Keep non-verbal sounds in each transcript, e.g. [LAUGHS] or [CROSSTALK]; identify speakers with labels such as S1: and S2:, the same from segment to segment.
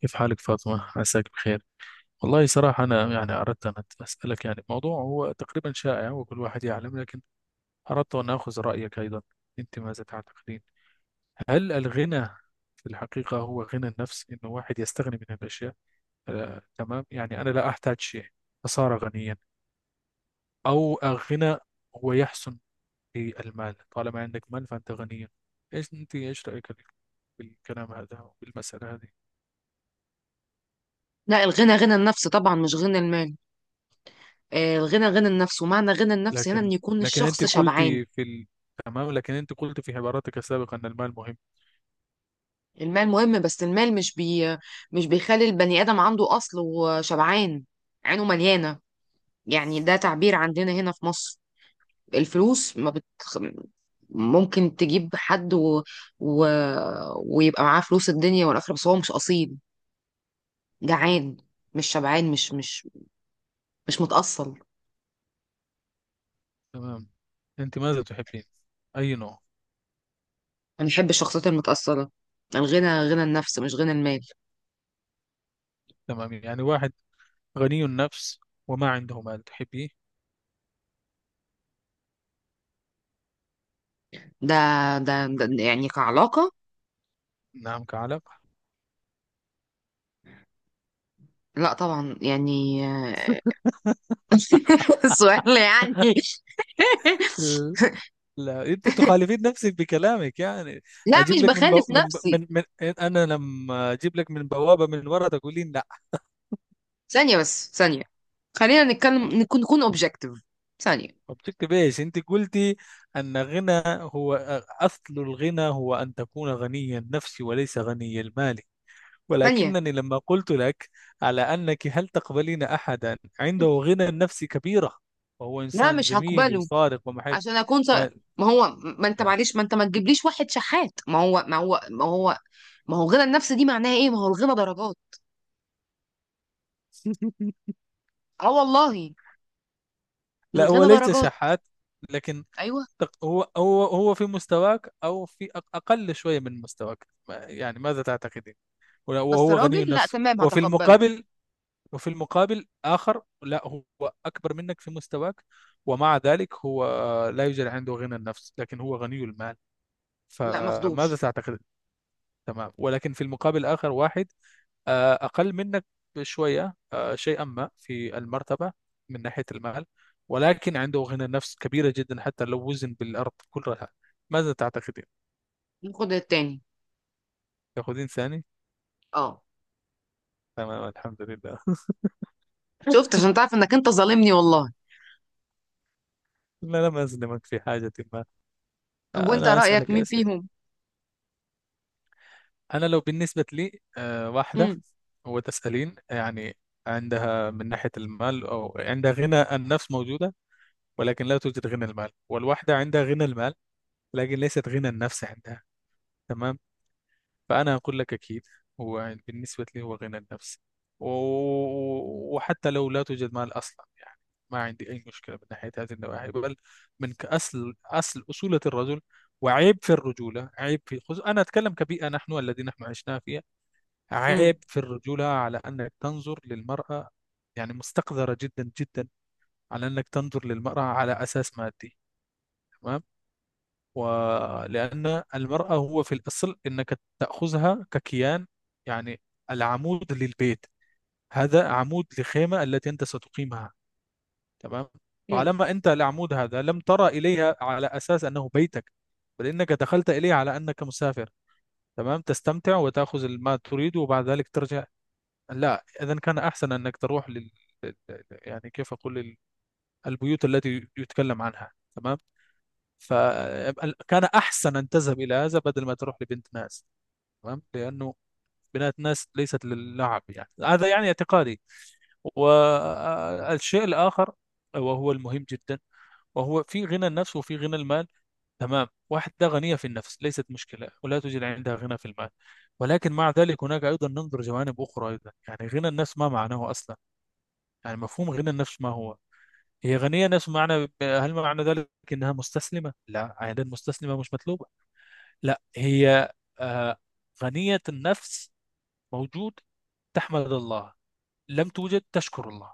S1: كيف حالك فاطمة؟ عساك بخير. والله صراحة أنا يعني أردت أن أسألك يعني موضوع هو تقريبا شائع وكل واحد يعلم، لكن أردت أن آخذ رأيك أيضا. أنت ماذا تعتقدين؟ هل الغنى في الحقيقة هو غنى النفس، إنه واحد يستغني من الأشياء، تمام، يعني أنا لا أحتاج شيء فصار غنيا، أو الغنى هو يحسن في المال، طالما عندك مال فأنت غني. إيش رأيك في الكلام هذا والمسألة هذه؟
S2: لا، الغنى غنى النفس طبعا مش غنى المال. الغنى غنى النفس ومعنى غنى النفس هنا ان
S1: لكن
S2: يكون
S1: لكن
S2: الشخص
S1: انت قلت
S2: شبعان.
S1: تمام، لكن انت قلت في عباراتك السابقة ان المال مهم.
S2: المال مهم بس المال مش بيخلي البني ادم عنده اصل وشبعان. عينه مليانه. يعني ده تعبير عندنا هنا في مصر. الفلوس ما بت. ممكن تجيب حد. و... ويبقى معاه فلوس الدنيا والاخره بس هو مش اصيل. جعان. مش شبعان مش متأصل.
S1: تمام، انت ماذا تحبين؟ اي نوع؟
S2: انا بحب الشخصيات المتأصلة. الغنى غنى النفس مش غنى المال.
S1: تمام، يعني واحد غني النفس وما عنده مال تحبيه؟
S2: ده ده يعني كعلاقة.
S1: نعم، كعلم.
S2: لا طبعا يعني. [LAUGHS] سؤال يعني. [LAUGHS]
S1: ال- لا، انت تخالفين نفسك بكلامك يعني.
S2: لا
S1: اجيب
S2: مش
S1: لك من بو...
S2: بخالف
S1: من, ب...
S2: نفسي.
S1: من من انا لما اجيب لك من بوابة من ورا تقولين لا.
S2: ثانية بس ثانية. خلينا نتكلم نكون اوبجكتيف. ثانية.
S1: وبشكل بايش انت قلتي ان غنى هو اصل الغنى هو ان تكون غني النفس وليس غني المال،
S2: ثانية.
S1: ولكنني لما قلت لك على أنك، هل تقبلين أحدا عنده غنى نفسي كبيرة وهو
S2: لا
S1: إنسان
S2: مش
S1: جميل
S2: هقبله.
S1: وصادق ومحب؟
S2: عشان اكون.
S1: و...
S2: ما هو، ما انت معلش، ما انت ما تجيبليش واحد شحات. ما هو الغنى النفسي دي معناها ايه. ما هو الغنى درجات.
S1: [LAUGHS]
S2: اه والله.
S1: لا هو
S2: الغنى
S1: ليس
S2: درجات.
S1: شحات، لكن
S2: ايوه.
S1: هو في مستواك أو في أقل شوية من مستواك، يعني ماذا تعتقدين؟ ولا-
S2: بس
S1: وهو غني
S2: راجل لا
S1: النفس.
S2: تمام
S1: وفي
S2: هتقبله.
S1: المقابل وفي المقابل آخر، لا هو أكبر منك في مستواك، ومع ذلك هو لا يوجد عنده غنى النفس لكن هو غني المال،
S2: لا
S1: فماذا
S2: ماخدوش.
S1: تعتقد؟ تمام، ولكن في المقابل آخر واحد أقل منك بشوية، شيئا ما في المرتبة من ناحية المال، ولكن عنده غنى نفس كبيرة جدا حتى لو وزن بالأرض كلها، ماذا تعتقدين؟
S2: ناخد التاني.
S1: تأخذين ثاني؟
S2: اه.
S1: تمام، الحمد لله.
S2: شفت
S1: [LAUGHS]
S2: عشان تعرف انك انت ظالمني والله.
S1: لا، لم أظلمك في حاجة ما.
S2: طب وانت
S1: أنا
S2: رأيك
S1: أسألك
S2: مين
S1: أسئلة.
S2: فيهم؟
S1: أنا لو بالنسبة لي واحدة
S2: امم.
S1: وتسألين يعني، عندها من ناحية المال أو عندها غنى النفس موجودة ولكن لا توجد غنى المال، والواحدة عندها غنى المال لكن ليست غنى النفس عندها، تمام؟ فأنا أقول لك أكيد هو بالنسبة لي هو غنى النفس، و... وحتى لو لا توجد مال أصلا، يعني ما عندي أي مشكلة من ناحية هذه النواحي، بل من أصل أصل أصولة الرجل، وعيب في الرجولة، عيب في أنا أتكلم كبيئة نحن الذين عشنا فيها، عيب
S2: امم.
S1: في الرجولة على أنك تنظر للمرأة، يعني مستقذرة جدا جدا، على أنك تنظر للمرأة على أساس مادي. تمام، ولأن المرأة هو في الأصل أنك تأخذها ككيان، يعني العمود للبيت، هذا عمود لخيمة التي أنت ستقيمها. تمام،
S2: مم.
S1: طالما أنت العمود هذا لم ترى إليها على أساس أنه بيتك، بل إنك دخلت إليه على أنك مسافر، تمام، تستمتع وتأخذ ما تريد وبعد ذلك ترجع، لا. إذا كان أحسن أنك تروح لل- يعني كيف أقول البيوت التي يتكلم عنها، تمام، فكان أحسن أن تذهب إلى هذا بدل ما تروح لبنت ناس، تمام، لأنه بنات ناس ليست للعب، يعني هذا يعني اعتقادي. والشيء الآخر وهو المهم جدا، وهو في غنى النفس وفي غنى المال، تمام، واحدة غنية في النفس ليست مشكلة ولا توجد عندها غنى في المال، ولكن مع ذلك هناك أيضا ننظر جوانب أخرى أيضا. يعني غنى النفس ما معناه أصلا، يعني مفهوم غنى النفس ما هو؟ هي غنية نفس معنى، هل معنى ذلك أنها مستسلمة؟ لا، عادة مستسلمة مش مطلوبة، لا. هي آه، غنية النفس، موجود تحمد الله، لم توجد تشكر الله،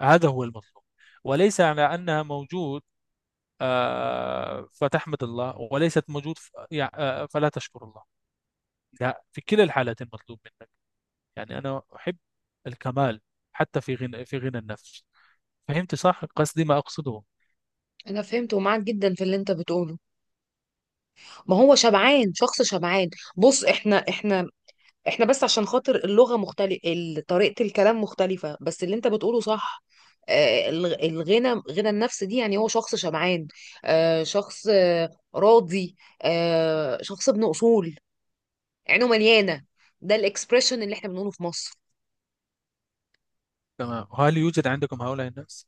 S1: هذا هو المطلوب. وليس على أنها موجود فتحمد الله وليست موجود فلا تشكر الله، لا. في كلا الحالتين مطلوب منك، يعني أنا أحب الكمال حتى في غنى النفس. فهمت صح قصدي ما أقصده؟
S2: انا فهمت ومعاك جدا في اللي انت بتقوله. ما هو شبعان، شخص شبعان. بص، احنا بس عشان خاطر اللغة مختلفة. طريقة الكلام مختلفة بس اللي انت بتقوله صح. الغنى غنى النفس دي يعني هو شخص شبعان. شخص. راضي. شخص ابن اصول. عينه مليانة. ده الاكسبريشن اللي احنا بنقوله في مصر.
S1: تمام، هل يوجد عندكم هؤلاء الناس؟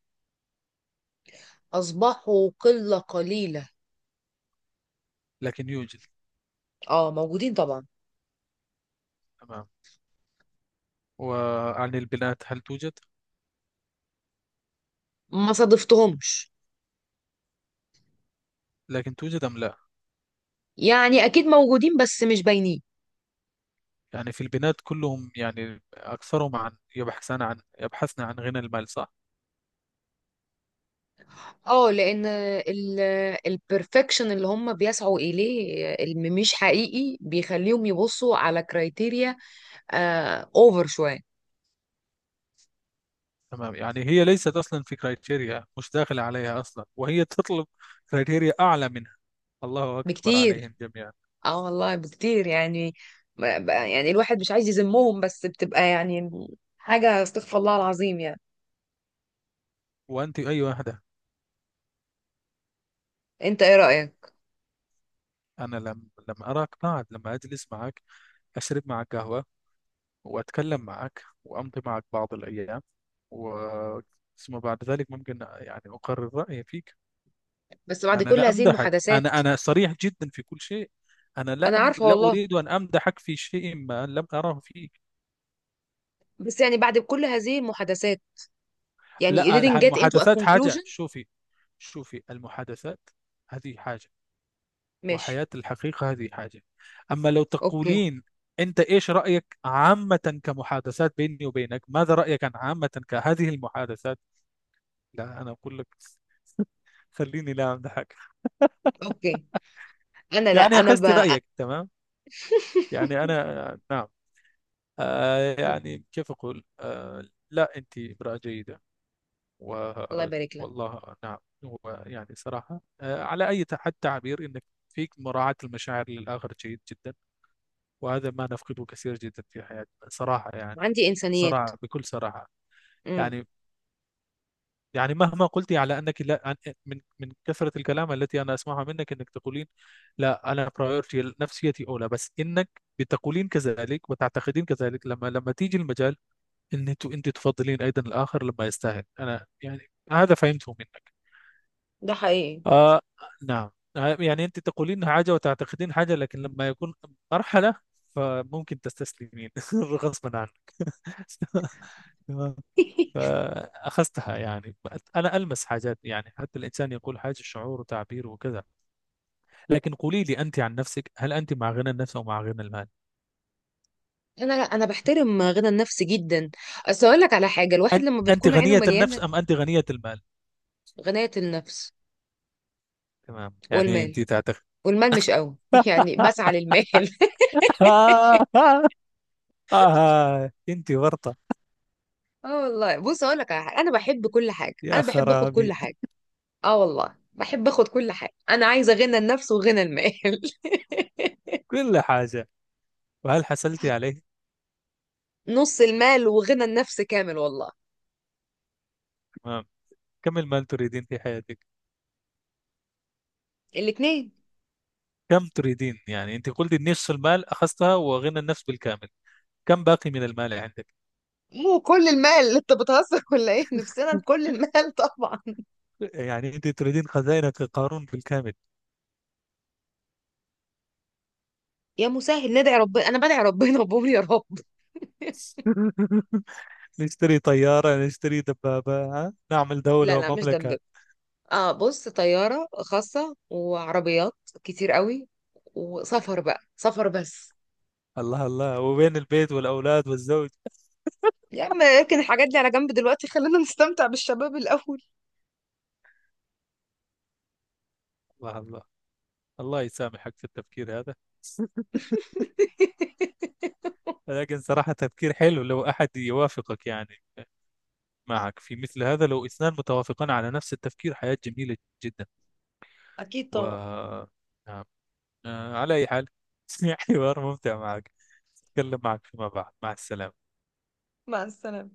S2: اصبحوا قلة قليلة.
S1: لكن يوجد؟
S2: اه، موجودين طبعا.
S1: تمام، وعن البنات هل توجد؟
S2: ما صادفتهمش.
S1: لكن توجد أم لا؟
S2: يعني اكيد موجودين بس مش باينين.
S1: يعني في البنات كلهم، يعني أكثرهم، عن يبحثان عن يبحثن عن غنى المال، صح؟
S2: اه، لان البرفكشن اللي هم بيسعوا اليه اللي مش حقيقي بيخليهم يبصوا على كرايتيريا اوفر شويه.
S1: تمام، يعني هي ليست أصلا في كرايتيريا، مش داخلة عليها أصلا، وهي تطلب كرايتيريا أعلى منها، الله أكبر
S2: بكتير.
S1: عليهم جميعا.
S2: اه والله بكتير يعني. يعني الواحد مش عايز يذمهم بس بتبقى يعني حاجه استغفر الله العظيم يعني.
S1: وأنت أي واحدة؟
S2: انت ايه رايك؟
S1: أنا لم لما أراك بعد لما أجلس معك، أشرب معك قهوة وأتكلم معك وأمضي معك بعض الأيام، و ثم بعد ذلك ممكن يعني أقرر رأيي فيك.
S2: بس بعد
S1: أنا
S2: كل
S1: لا
S2: هذه
S1: أمدحك،
S2: المحادثات.
S1: أنا صريح جدا في كل شيء، أنا
S2: انا عارفه
S1: لا
S2: والله.
S1: أريد أن أمدحك في شيء ما لم أره فيك.
S2: بس يعني بعد كل هذه المحادثات. يعني you
S1: لا،
S2: didn't get into a
S1: المحادثات حاجة،
S2: conclusion.
S1: شوفي، المحادثات هذه حاجة،
S2: ماشي.
S1: وحياة الحقيقة هذه حاجة. أما لو
S2: اوكي.
S1: تقولين أنت إيش رأيك عامة كمحادثات بيني وبينك، ماذا رأيك عن عامة كهذه المحادثات؟ لا، أنا أقول لك خليني لا أمدحك.
S2: اوكي. انا لا.
S1: يعني أخذت رأيك، تمام. يعني أنا، نعم، يعني كيف أقول، لا، أنت امرأة جيدة. و
S2: الله يبارك لك.
S1: والله نعم، هو يعني صراحة على أي حد تعبير إنك فيك مراعاة المشاعر للآخر جيد جدا، وهذا ما نفقده كثير جدا في حياتنا صراحة يعني،
S2: عندي انسانيات.
S1: صراحة بكل صراحة.
S2: امم.
S1: يعني، مهما قلتي على أنك لا، من كثرة الكلام التي أنا أسمعها منك إنك تقولين لا أنا برايورتي نفسيتي أولى، بس إنك بتقولين كذلك وتعتقدين كذلك، لما تيجي المجال ان انت تفضلين ايضا الاخر لما يستاهل انا، يعني هذا فهمته منك.
S2: ده حقيقي.
S1: آه نعم، يعني انت تقولين حاجه وتعتقدين حاجه، لكن لما يكون مرحله فممكن تستسلمين [LAUGHS] غصبا عنك. [LAUGHS] تمام،
S2: [LAUGHS]
S1: فاخذتها يعني، انا المس حاجات، يعني حتى الانسان يقول حاجه شعور وتعبير وكذا، لكن قولي لي انت عن نفسك، هل انت مع غنى النفس او مع غنى المال؟
S2: انا، لا، انا بحترم غنى النفس جدا. اصل اقول لك على حاجه، الواحد
S1: أن-
S2: لما
S1: انت
S2: بتكون عينه
S1: غنيه
S2: مليانه.
S1: النفس ام انت غنيه المال؟
S2: غنايه النفس.
S1: تمام، يعني
S2: والمال.
S1: انت تعتقد.
S2: والمال مش قوي. [LAUGHS] يعني
S1: [LAUGHS]
S2: بسعى للمال. [LAUGHS]
S1: آه أنت ورطة،
S2: اه والله بص اقول لك على حاجه، انا بحب كل حاجه، انا
S1: يا
S2: بحب اخد كل
S1: خرابي،
S2: حاجه. اه والله بحب اخد كل حاجه، انا عايزه غنى النفس وغنى المال. [LAUGHS]
S1: كل حاجة. وهل حصلت عليه؟
S2: نص المال وغنى النفس كامل والله.
S1: تمام، كم المال تريدين في حياتك؟
S2: الاتنين.
S1: كم تريدين؟ يعني أنت قلت نصف المال أخذتها وغنى النفس بالكامل، كم باقي من المال عندك؟
S2: مو كل المال اللي انت بتهزر ولا ايه، نفسنا بكل المال. طبعا.
S1: يعني أنت تريدين خزائنك قارون بالكامل.
S2: يا مسهل، ندعي ربنا، انا بدعي ربنا وبقول يا رب.
S1: [LAUGHS] نشتري طيارة، نشتري دبابة، ها؟ نعمل
S2: لا،
S1: دولة
S2: لا، مش
S1: ومملكة؟
S2: ذنب. اه بص، طياره خاصه وعربيات كتير قوي. وسفر بقى، سفر بس.
S1: الله الله، وبين البيت والأولاد والزوج؟
S2: يا عم اركن الحاجات دي على جنب دلوقتي، خلينا نستمتع بالشباب الاول.
S1: الله الله، الله يسامحك في التفكير هذا.
S2: [LAUGHS]
S1: لكن صراحة تفكير حلو لو أحد يوافقك يعني، معك في مثل هذا، لو اثنان متوافقان على نفس التفكير حياة جميلة جدا.
S2: أكيد طبعا.
S1: و نعم، على أي حال، [LAUGHS] حوار ممتع معك، أتكلم معك فيما بعد، مع السلامة.
S2: مع السلامة.